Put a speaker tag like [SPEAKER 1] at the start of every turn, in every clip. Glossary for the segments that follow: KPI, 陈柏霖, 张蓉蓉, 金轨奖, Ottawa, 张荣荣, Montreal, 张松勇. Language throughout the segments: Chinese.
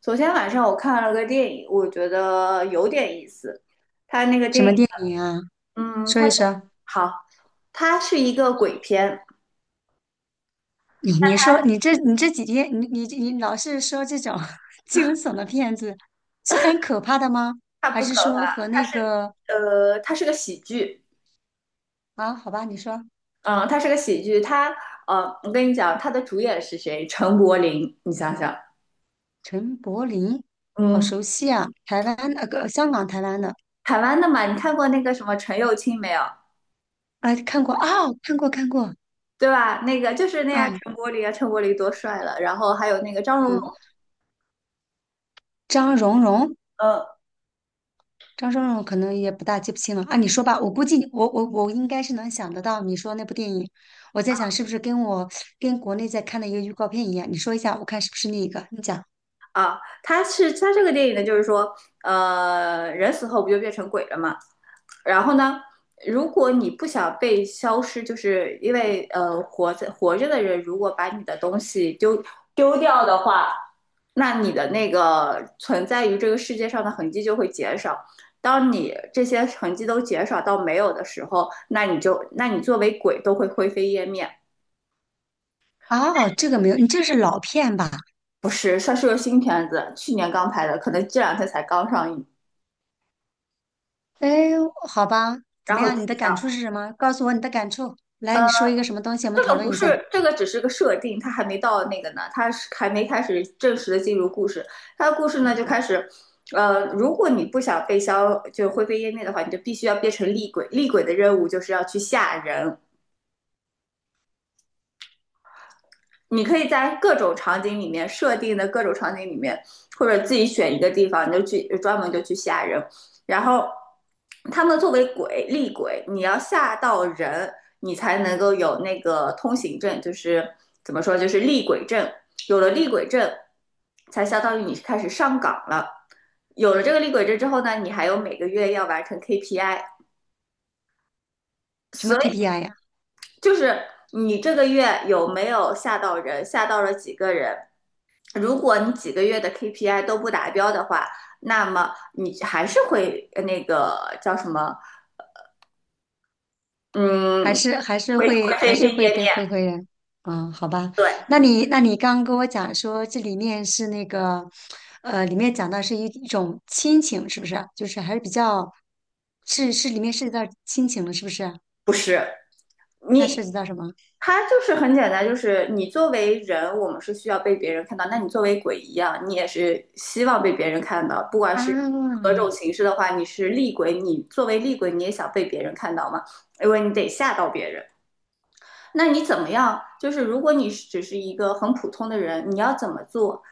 [SPEAKER 1] 昨天晚上我看了个电影，我觉得有点意思。他那个
[SPEAKER 2] 什
[SPEAKER 1] 电
[SPEAKER 2] 么
[SPEAKER 1] 影，
[SPEAKER 2] 电影啊？
[SPEAKER 1] 嗯，
[SPEAKER 2] 说
[SPEAKER 1] 他
[SPEAKER 2] 一说。
[SPEAKER 1] 好，他是一个鬼片，
[SPEAKER 2] 你说你这几天你老是说这种 惊悚的片子，是很可怕的吗？
[SPEAKER 1] 他
[SPEAKER 2] 还
[SPEAKER 1] 不可
[SPEAKER 2] 是说
[SPEAKER 1] 怕，
[SPEAKER 2] 和那个
[SPEAKER 1] 他是个喜剧，
[SPEAKER 2] 啊？好吧，你说
[SPEAKER 1] 嗯，他是个喜剧。我跟你讲，他的主演是谁？陈柏霖，你想想，
[SPEAKER 2] 陈柏霖，好
[SPEAKER 1] 嗯，
[SPEAKER 2] 熟悉啊，台湾那个、香港台湾的，
[SPEAKER 1] 台湾的嘛，你看过那个什么陈又青没有？
[SPEAKER 2] 啊，看过啊、看过看过
[SPEAKER 1] 对吧？那个就是那样，
[SPEAKER 2] 啊，
[SPEAKER 1] 陈柏霖啊，陈柏霖多帅了。然后还有那个张荣荣，
[SPEAKER 2] 嗯，张蓉蓉
[SPEAKER 1] 嗯
[SPEAKER 2] 张松勇可能也不大记不清了啊，你说吧，我估计我应该是能想得到你说那部电影，我在想是不是跟我跟国内在看的一个预告片一样，你说一下，我看是不是那个，你讲。
[SPEAKER 1] 啊，他这个电影呢，就是说，人死后不就变成鬼了吗？然后呢，如果你不想被消失，就是因为活着的人如果把你的东西丢掉的话，那你的那个存在于这个世界上的痕迹就会减少。当你这些痕迹都减少到没有的时候，那你就那你作为鬼都会灰飞烟灭。
[SPEAKER 2] 哦，这个没有，你这是老片吧？
[SPEAKER 1] 不是，算是个新片子，去年刚拍的，可能这两天才刚上映。
[SPEAKER 2] 哎，好吧，怎
[SPEAKER 1] 然
[SPEAKER 2] 么
[SPEAKER 1] 后就
[SPEAKER 2] 样？你的
[SPEAKER 1] 这
[SPEAKER 2] 感
[SPEAKER 1] 样
[SPEAKER 2] 触是什么？告诉我你的感触，来，你说一个什么东西，我们
[SPEAKER 1] 这
[SPEAKER 2] 讨
[SPEAKER 1] 个不
[SPEAKER 2] 论一下，
[SPEAKER 1] 是，这个只是个设定，它还没到那个呢，它是还没开始正式的进入故事。它的故事呢就开始，如果你不想被消，就灰飞烟灭的话，你就必须要变成厉鬼。厉鬼的任务就是要去吓人，你可以在各种场景里面设定的各种场景里面，或者自己选一个地方，你就去专门就去吓人。然后他们作为鬼厉鬼，你要吓到人，你才能够有那个通行证，就是怎么说，就是厉鬼证。有了厉鬼证，才相当于你开始上岗了。有了这个厉鬼证之后呢，你还有每个月要完成 KPI，
[SPEAKER 2] 什么
[SPEAKER 1] 所以
[SPEAKER 2] KPI 呀？
[SPEAKER 1] 就是你这个月有没有吓到人，吓到了几个人。如果你几个月的 KPI 都不达标的话，那么你还是会呃那个叫什么，
[SPEAKER 2] 还
[SPEAKER 1] 嗯，
[SPEAKER 2] 是还是
[SPEAKER 1] 会
[SPEAKER 2] 会还
[SPEAKER 1] 灰飞
[SPEAKER 2] 是会
[SPEAKER 1] 烟灭。
[SPEAKER 2] 被灰灰人，嗯，好吧。
[SPEAKER 1] 对，
[SPEAKER 2] 那你刚刚跟我讲说这里面是那个，里面讲到是一种亲情，是不是啊？就是还是比较，是里面涉及到亲情了，是不是啊？
[SPEAKER 1] 不是
[SPEAKER 2] 那
[SPEAKER 1] 你，
[SPEAKER 2] 涉及到什么
[SPEAKER 1] 它就是很简单，就是你作为人，我们是需要被别人看到。那你作为鬼一样，你也是希望被别人看到，不管是何
[SPEAKER 2] 啊？
[SPEAKER 1] 种形式的话，你是厉鬼，你作为厉鬼，你也想被别人看到吗？因为你得吓到别人。那你怎么样？就是如果你只是一个很普通的人，你要怎么做，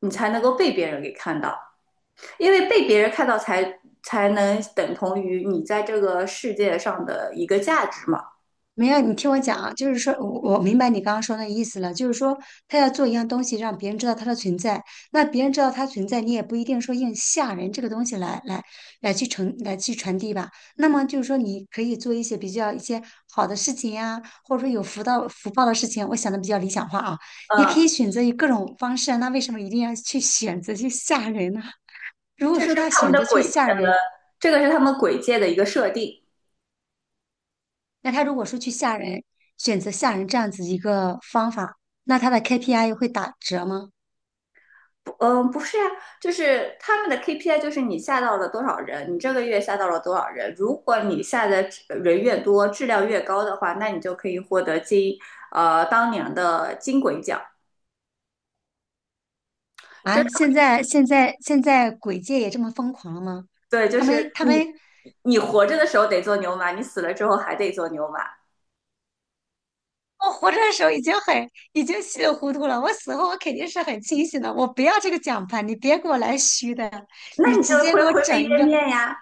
[SPEAKER 1] 你才能够被别人给看到？因为被别人看到才能等同于你在这个世界上的一个价值嘛。
[SPEAKER 2] 没有，你听我讲啊，就是说我明白你刚刚说那意思了，就是说他要做一样东西，让别人知道他的存在，那别人知道他存在，你也不一定说用吓人这个东西来去传递吧。那么就是说，你可以做一些比较一些好的事情呀、或者说有福到福报的事情，我想的比较理想化啊，也
[SPEAKER 1] 嗯，
[SPEAKER 2] 可以选择以各种方式啊那为什么一定要去选择去吓人呢？如果
[SPEAKER 1] 这是
[SPEAKER 2] 说他
[SPEAKER 1] 他们
[SPEAKER 2] 选
[SPEAKER 1] 的
[SPEAKER 2] 择去
[SPEAKER 1] 轨，
[SPEAKER 2] 吓
[SPEAKER 1] 呃，
[SPEAKER 2] 人，
[SPEAKER 1] 这个是他们轨界的一个设定。
[SPEAKER 2] 那他如果说去吓人，选择吓人这样子一个方法，那他的 KPI 会打折吗？
[SPEAKER 1] 嗯，不是啊，就是他们的 KPI 就是你下到了多少人，你这个月下到了多少人。如果你下的人越多，质量越高的话，那你就可以获得当年的金轨奖。这
[SPEAKER 2] 啊，现在鬼界也这么疯狂了吗？
[SPEAKER 1] 对，就
[SPEAKER 2] 他
[SPEAKER 1] 是
[SPEAKER 2] 们他
[SPEAKER 1] 你
[SPEAKER 2] 们，
[SPEAKER 1] 你活着的时候得做牛马，你死了之后还得做牛马，
[SPEAKER 2] 我活着的时候已经很已经稀里糊涂了，我死后我肯定是很清醒的。我不要这个奖牌，你别给我来虚的，
[SPEAKER 1] 那
[SPEAKER 2] 你
[SPEAKER 1] 你
[SPEAKER 2] 直
[SPEAKER 1] 就
[SPEAKER 2] 接
[SPEAKER 1] 会
[SPEAKER 2] 给我
[SPEAKER 1] 灰飞
[SPEAKER 2] 整一
[SPEAKER 1] 烟
[SPEAKER 2] 个
[SPEAKER 1] 灭呀。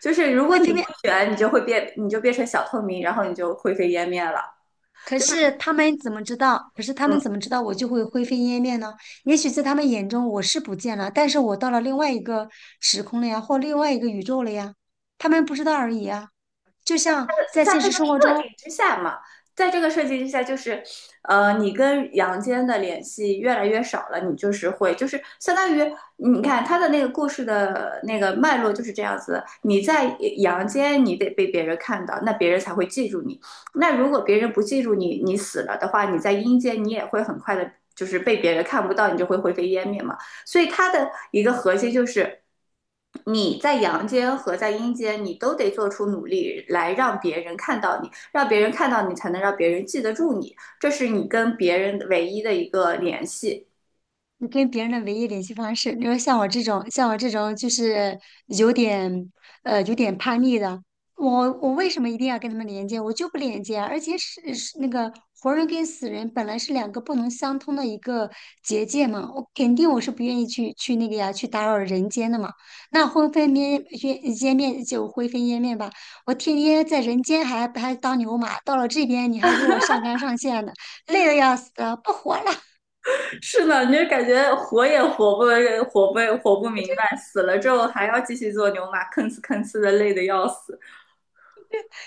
[SPEAKER 1] 就是如果
[SPEAKER 2] 会
[SPEAKER 1] 你
[SPEAKER 2] 飞
[SPEAKER 1] 不卷，你就会变，你就变成小透明，然后你就灰飞烟灭了。
[SPEAKER 2] 可是他们怎么知道？可是他们
[SPEAKER 1] 嗯
[SPEAKER 2] 怎么知道我就会灰飞烟灭呢？也许在他们眼中我是不见了，但是我到了另外一个时空了呀，或另外一个宇宙了呀，他们不知道而已啊。就像在
[SPEAKER 1] 在
[SPEAKER 2] 现
[SPEAKER 1] 这
[SPEAKER 2] 实
[SPEAKER 1] 个
[SPEAKER 2] 生活
[SPEAKER 1] 设
[SPEAKER 2] 中，
[SPEAKER 1] 定之下嘛，在这个设计之下，就是你跟阳间的联系越来越少了，你就是会就是相当于你看他的那个故事的那个脉络就是这样子，你在阳间你得被别人看到，那别人才会记住你。那如果别人不记住你，你死了的话，你在阴间你也会很快的，就是被别人看不到，你就会灰飞烟灭嘛。所以他的一个核心就是。你在阳间和在阴间，你都得做出努力来让别人看到你，让别人看到你，才能让别人记得住你，这是你跟别人唯一的一个联系。
[SPEAKER 2] 你跟别人的唯一联系方式，你说像我这种就是有点有点叛逆的，我为什么一定要跟他们连接？我就不连接啊，而且是那个活人跟死人本来是两个不能相通的一个结界嘛，我肯定我是不愿意去那个呀，去打扰人间的嘛。那灰飞烟烟烟灭就灰飞烟灭吧，我天天在人间还当牛马，到了这边你还给我上纲上线的，累得要死，不活了。
[SPEAKER 1] 是呢，你就感觉活也活不明白，死了之后还要继续做牛马，吭哧吭哧的累得要死。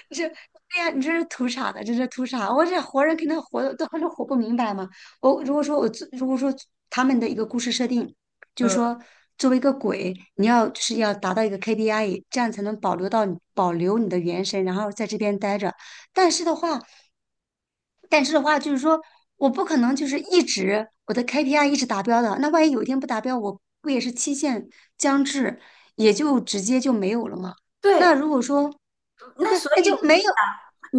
[SPEAKER 2] 对呀，你这是图啥呢？这是图啥？我这活人肯定活的都还是活不明白嘛。我如果说我做，如果说他们的一个故事设定，就是说作为一个鬼，你要就是要达到一个 KPI，这样才能保留你的元神，然后在这边待着。但是的话，但是的话，就是说我不可能就是我的 KPI 一直达标的，那万一有一天不达标，我不也是期限将至，也就直接就没有了吗？那
[SPEAKER 1] 对，
[SPEAKER 2] 如果说
[SPEAKER 1] 那
[SPEAKER 2] 对，
[SPEAKER 1] 所
[SPEAKER 2] 那
[SPEAKER 1] 以。
[SPEAKER 2] 就没有。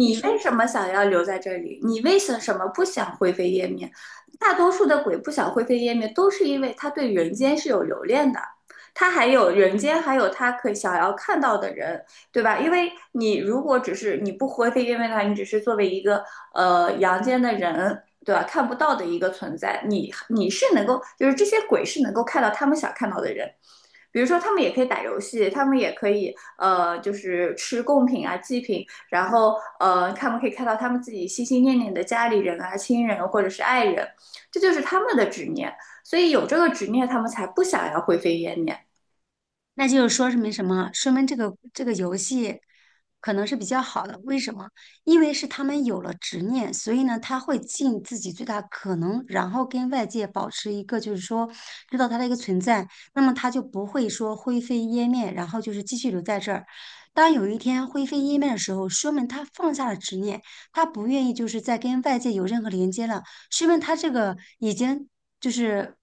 [SPEAKER 2] 你
[SPEAKER 1] 为
[SPEAKER 2] 说。
[SPEAKER 1] 什么想要留在这里？你为什么不想灰飞烟灭？大多数的鬼不想灰飞烟灭，都是因为他对人间是有留恋的，他还有人间，还有他可以想要看到的人，对吧？因为你如果只是你不灰飞烟灭的话，你只是作为一个阳间的人，对吧？看不到的一个存在，你是能够，就是这些鬼是能够看到他们想看到的人。比如说，他们也可以打游戏，他们也可以就是吃贡品啊、祭品，然后他们可以看到他们自己心心念念的家里人啊、亲人啊或者是爱人，这就是他们的执念，所以有这个执念，他们才不想要灰飞烟灭。
[SPEAKER 2] 那就是说明什么？说明这个游戏可能是比较好的。为什么？因为是他们有了执念，所以呢，他会尽自己最大可能，然后跟外界保持一个就是说知道他的一个存在，那么他就不会说灰飞烟灭，然后就是继续留在这儿。当有一天灰飞烟灭的时候，说明他放下了执念，他不愿意就是再跟外界有任何连接了，说明他这个已经就是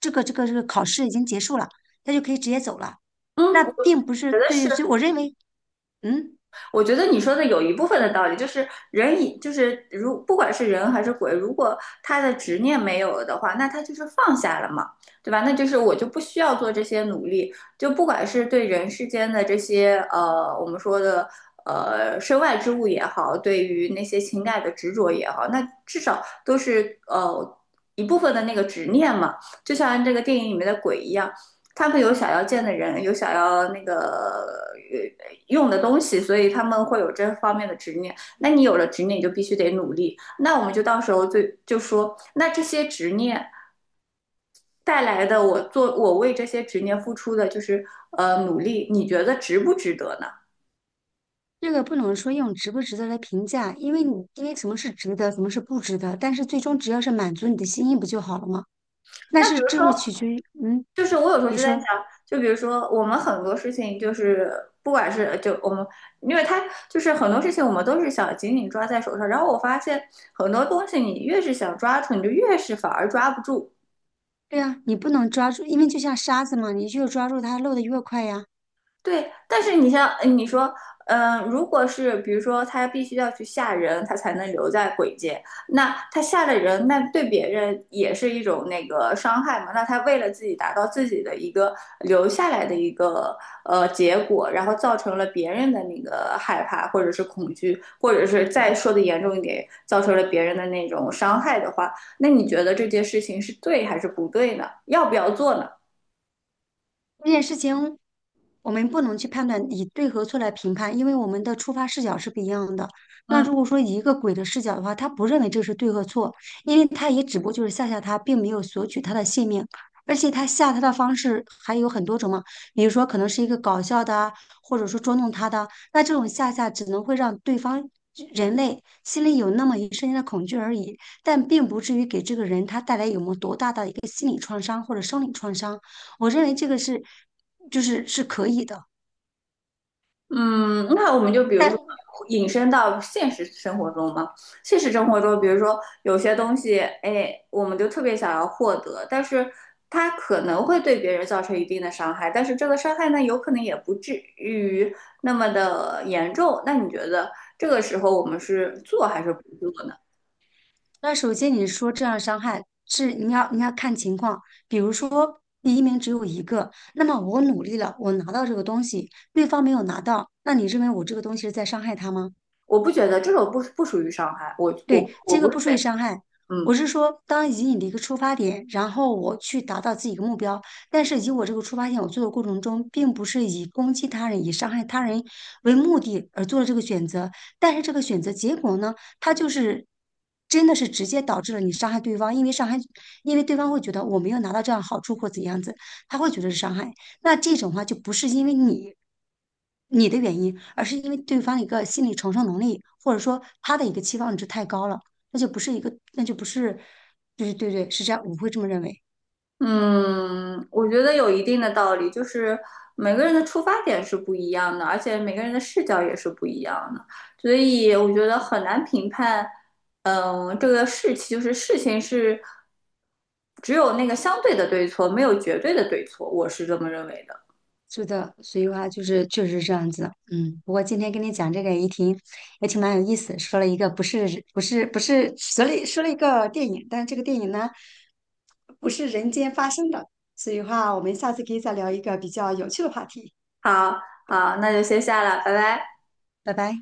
[SPEAKER 2] 这个考试已经结束了，他就可以直接走了。
[SPEAKER 1] 嗯，
[SPEAKER 2] 那并不是
[SPEAKER 1] 得是
[SPEAKER 2] 对，所以我认为，嗯，
[SPEAKER 1] 我觉得你说的有一部分的道理，就是人以就是如不管是人还是鬼，如果他的执念没有了的话，那他就是放下了嘛，对吧？那就是我就不需要做这些努力，就不管是对人世间的这些我们说的身外之物也好，对于那些情感的执着也好，那至少都是一部分的那个执念嘛，就像这个电影里面的鬼一样，他们有想要见的人，有想要那个用的东西，所以他们会有这方面的执念。那你有了执念，你就必须得努力。那我们就到时候就说，那这些执念带来的，我为这些执念付出的就是努力，你觉得值不值得呢？
[SPEAKER 2] 这个不能说用值不值得来评价，因为什么是值得，什么是不值得，但是最终只要是满足你的心意不就好了吗？这是取决于，
[SPEAKER 1] 就是我有时候
[SPEAKER 2] 你
[SPEAKER 1] 就在想，
[SPEAKER 2] 说。
[SPEAKER 1] 就比如说我们很多事情，就是不管是就我们，因为他就是很多事情我们都是想紧紧抓在手上，然后我发现很多东西你越是想抓住，你就越是反而抓不住。
[SPEAKER 2] 对啊，你不能抓住，因为就像沙子嘛，你越抓住它漏的越快呀。
[SPEAKER 1] 对，但是你像你说，如果是比如说他必须要去吓人，他才能留在鬼界，那他吓了人，那对别人也是一种那个伤害嘛？那他为了自己达到自己的一个留下来的一个结果，然后造成了别人的那个害怕或者是恐惧，或者是再说的严重一点，造成了别人的那种伤害的话，那你觉得这件事情是对还是不对呢？要不要做呢？
[SPEAKER 2] 这件事情我们不能去判断以对和错来评判，因为我们的出发视角是不一样的。那
[SPEAKER 1] 嗯
[SPEAKER 2] 如果说以一个鬼的视角的话，他不认为这是对和错，因为他也只不过就是吓吓他，并没有索取他的性命。而且他吓他的方式还有很多种嘛，比如说可能是一个搞笑的啊，或者说捉弄他的，那这种吓吓只能会让对方人类心里有那么一瞬间的恐惧而已，但并不至于给这个人他带来有么多大的一个心理创伤或者生理创伤。我认为这个是就是是可以的。
[SPEAKER 1] 嗯，那我们就比如说
[SPEAKER 2] 但
[SPEAKER 1] 引申到现实生活中嘛，现实生活中，比如说有些东西，哎，我们就特别想要获得，但是它可能会对别人造成一定的伤害，但是这个伤害呢，有可能也不至于那么的严重。那你觉得这个时候我们是做还是不做呢？
[SPEAKER 2] 那首先你说这样伤害是你要看情况，比如说第一名只有一个，那么我努力了，我拿到这个东西，对方没有拿到，那你认为我这个东西是在伤害他吗？
[SPEAKER 1] 我不觉得这种不属于伤害，我我
[SPEAKER 2] 对，
[SPEAKER 1] 我
[SPEAKER 2] 这
[SPEAKER 1] 不
[SPEAKER 2] 个
[SPEAKER 1] 认
[SPEAKER 2] 不属于
[SPEAKER 1] 为，
[SPEAKER 2] 伤害。
[SPEAKER 1] 嗯。
[SPEAKER 2] 我是说，当以你的一个出发点，然后我去达到自己一个目标，但是以我这个出发点，我做的过程中，并不是以攻击他人、以伤害他人为目的而做了这个选择，但是这个选择结果呢，它就是真的是直接导致了你伤害对方，因为伤害，因为对方会觉得我没有拿到这样好处或怎样子，他会觉得是伤害。那这种话就不是因为你的原因，而是因为对方的一个心理承受能力，或者说他的一个期望值太高了，那就不是一个，那就不是，对对对，是这样，我会这么认为。
[SPEAKER 1] 嗯，我觉得有一定的道理，就是每个人的出发点是不一样的，而且每个人的视角也是不一样的，所以我觉得很难评判。嗯，这个事情就是事情是只有那个相对的对错，没有绝对的对错，我是这么认为的。
[SPEAKER 2] 是的，所以话就是确实是这样子，嗯。不过今天跟你讲这个也挺蛮有意思，说了一个不是不是不是说了说了一个电影，但是这个电影呢不是人间发生的，所以话我们下次可以再聊一个比较有趣的话题，
[SPEAKER 1] 好，好，那就先下了，拜拜。
[SPEAKER 2] 拜拜。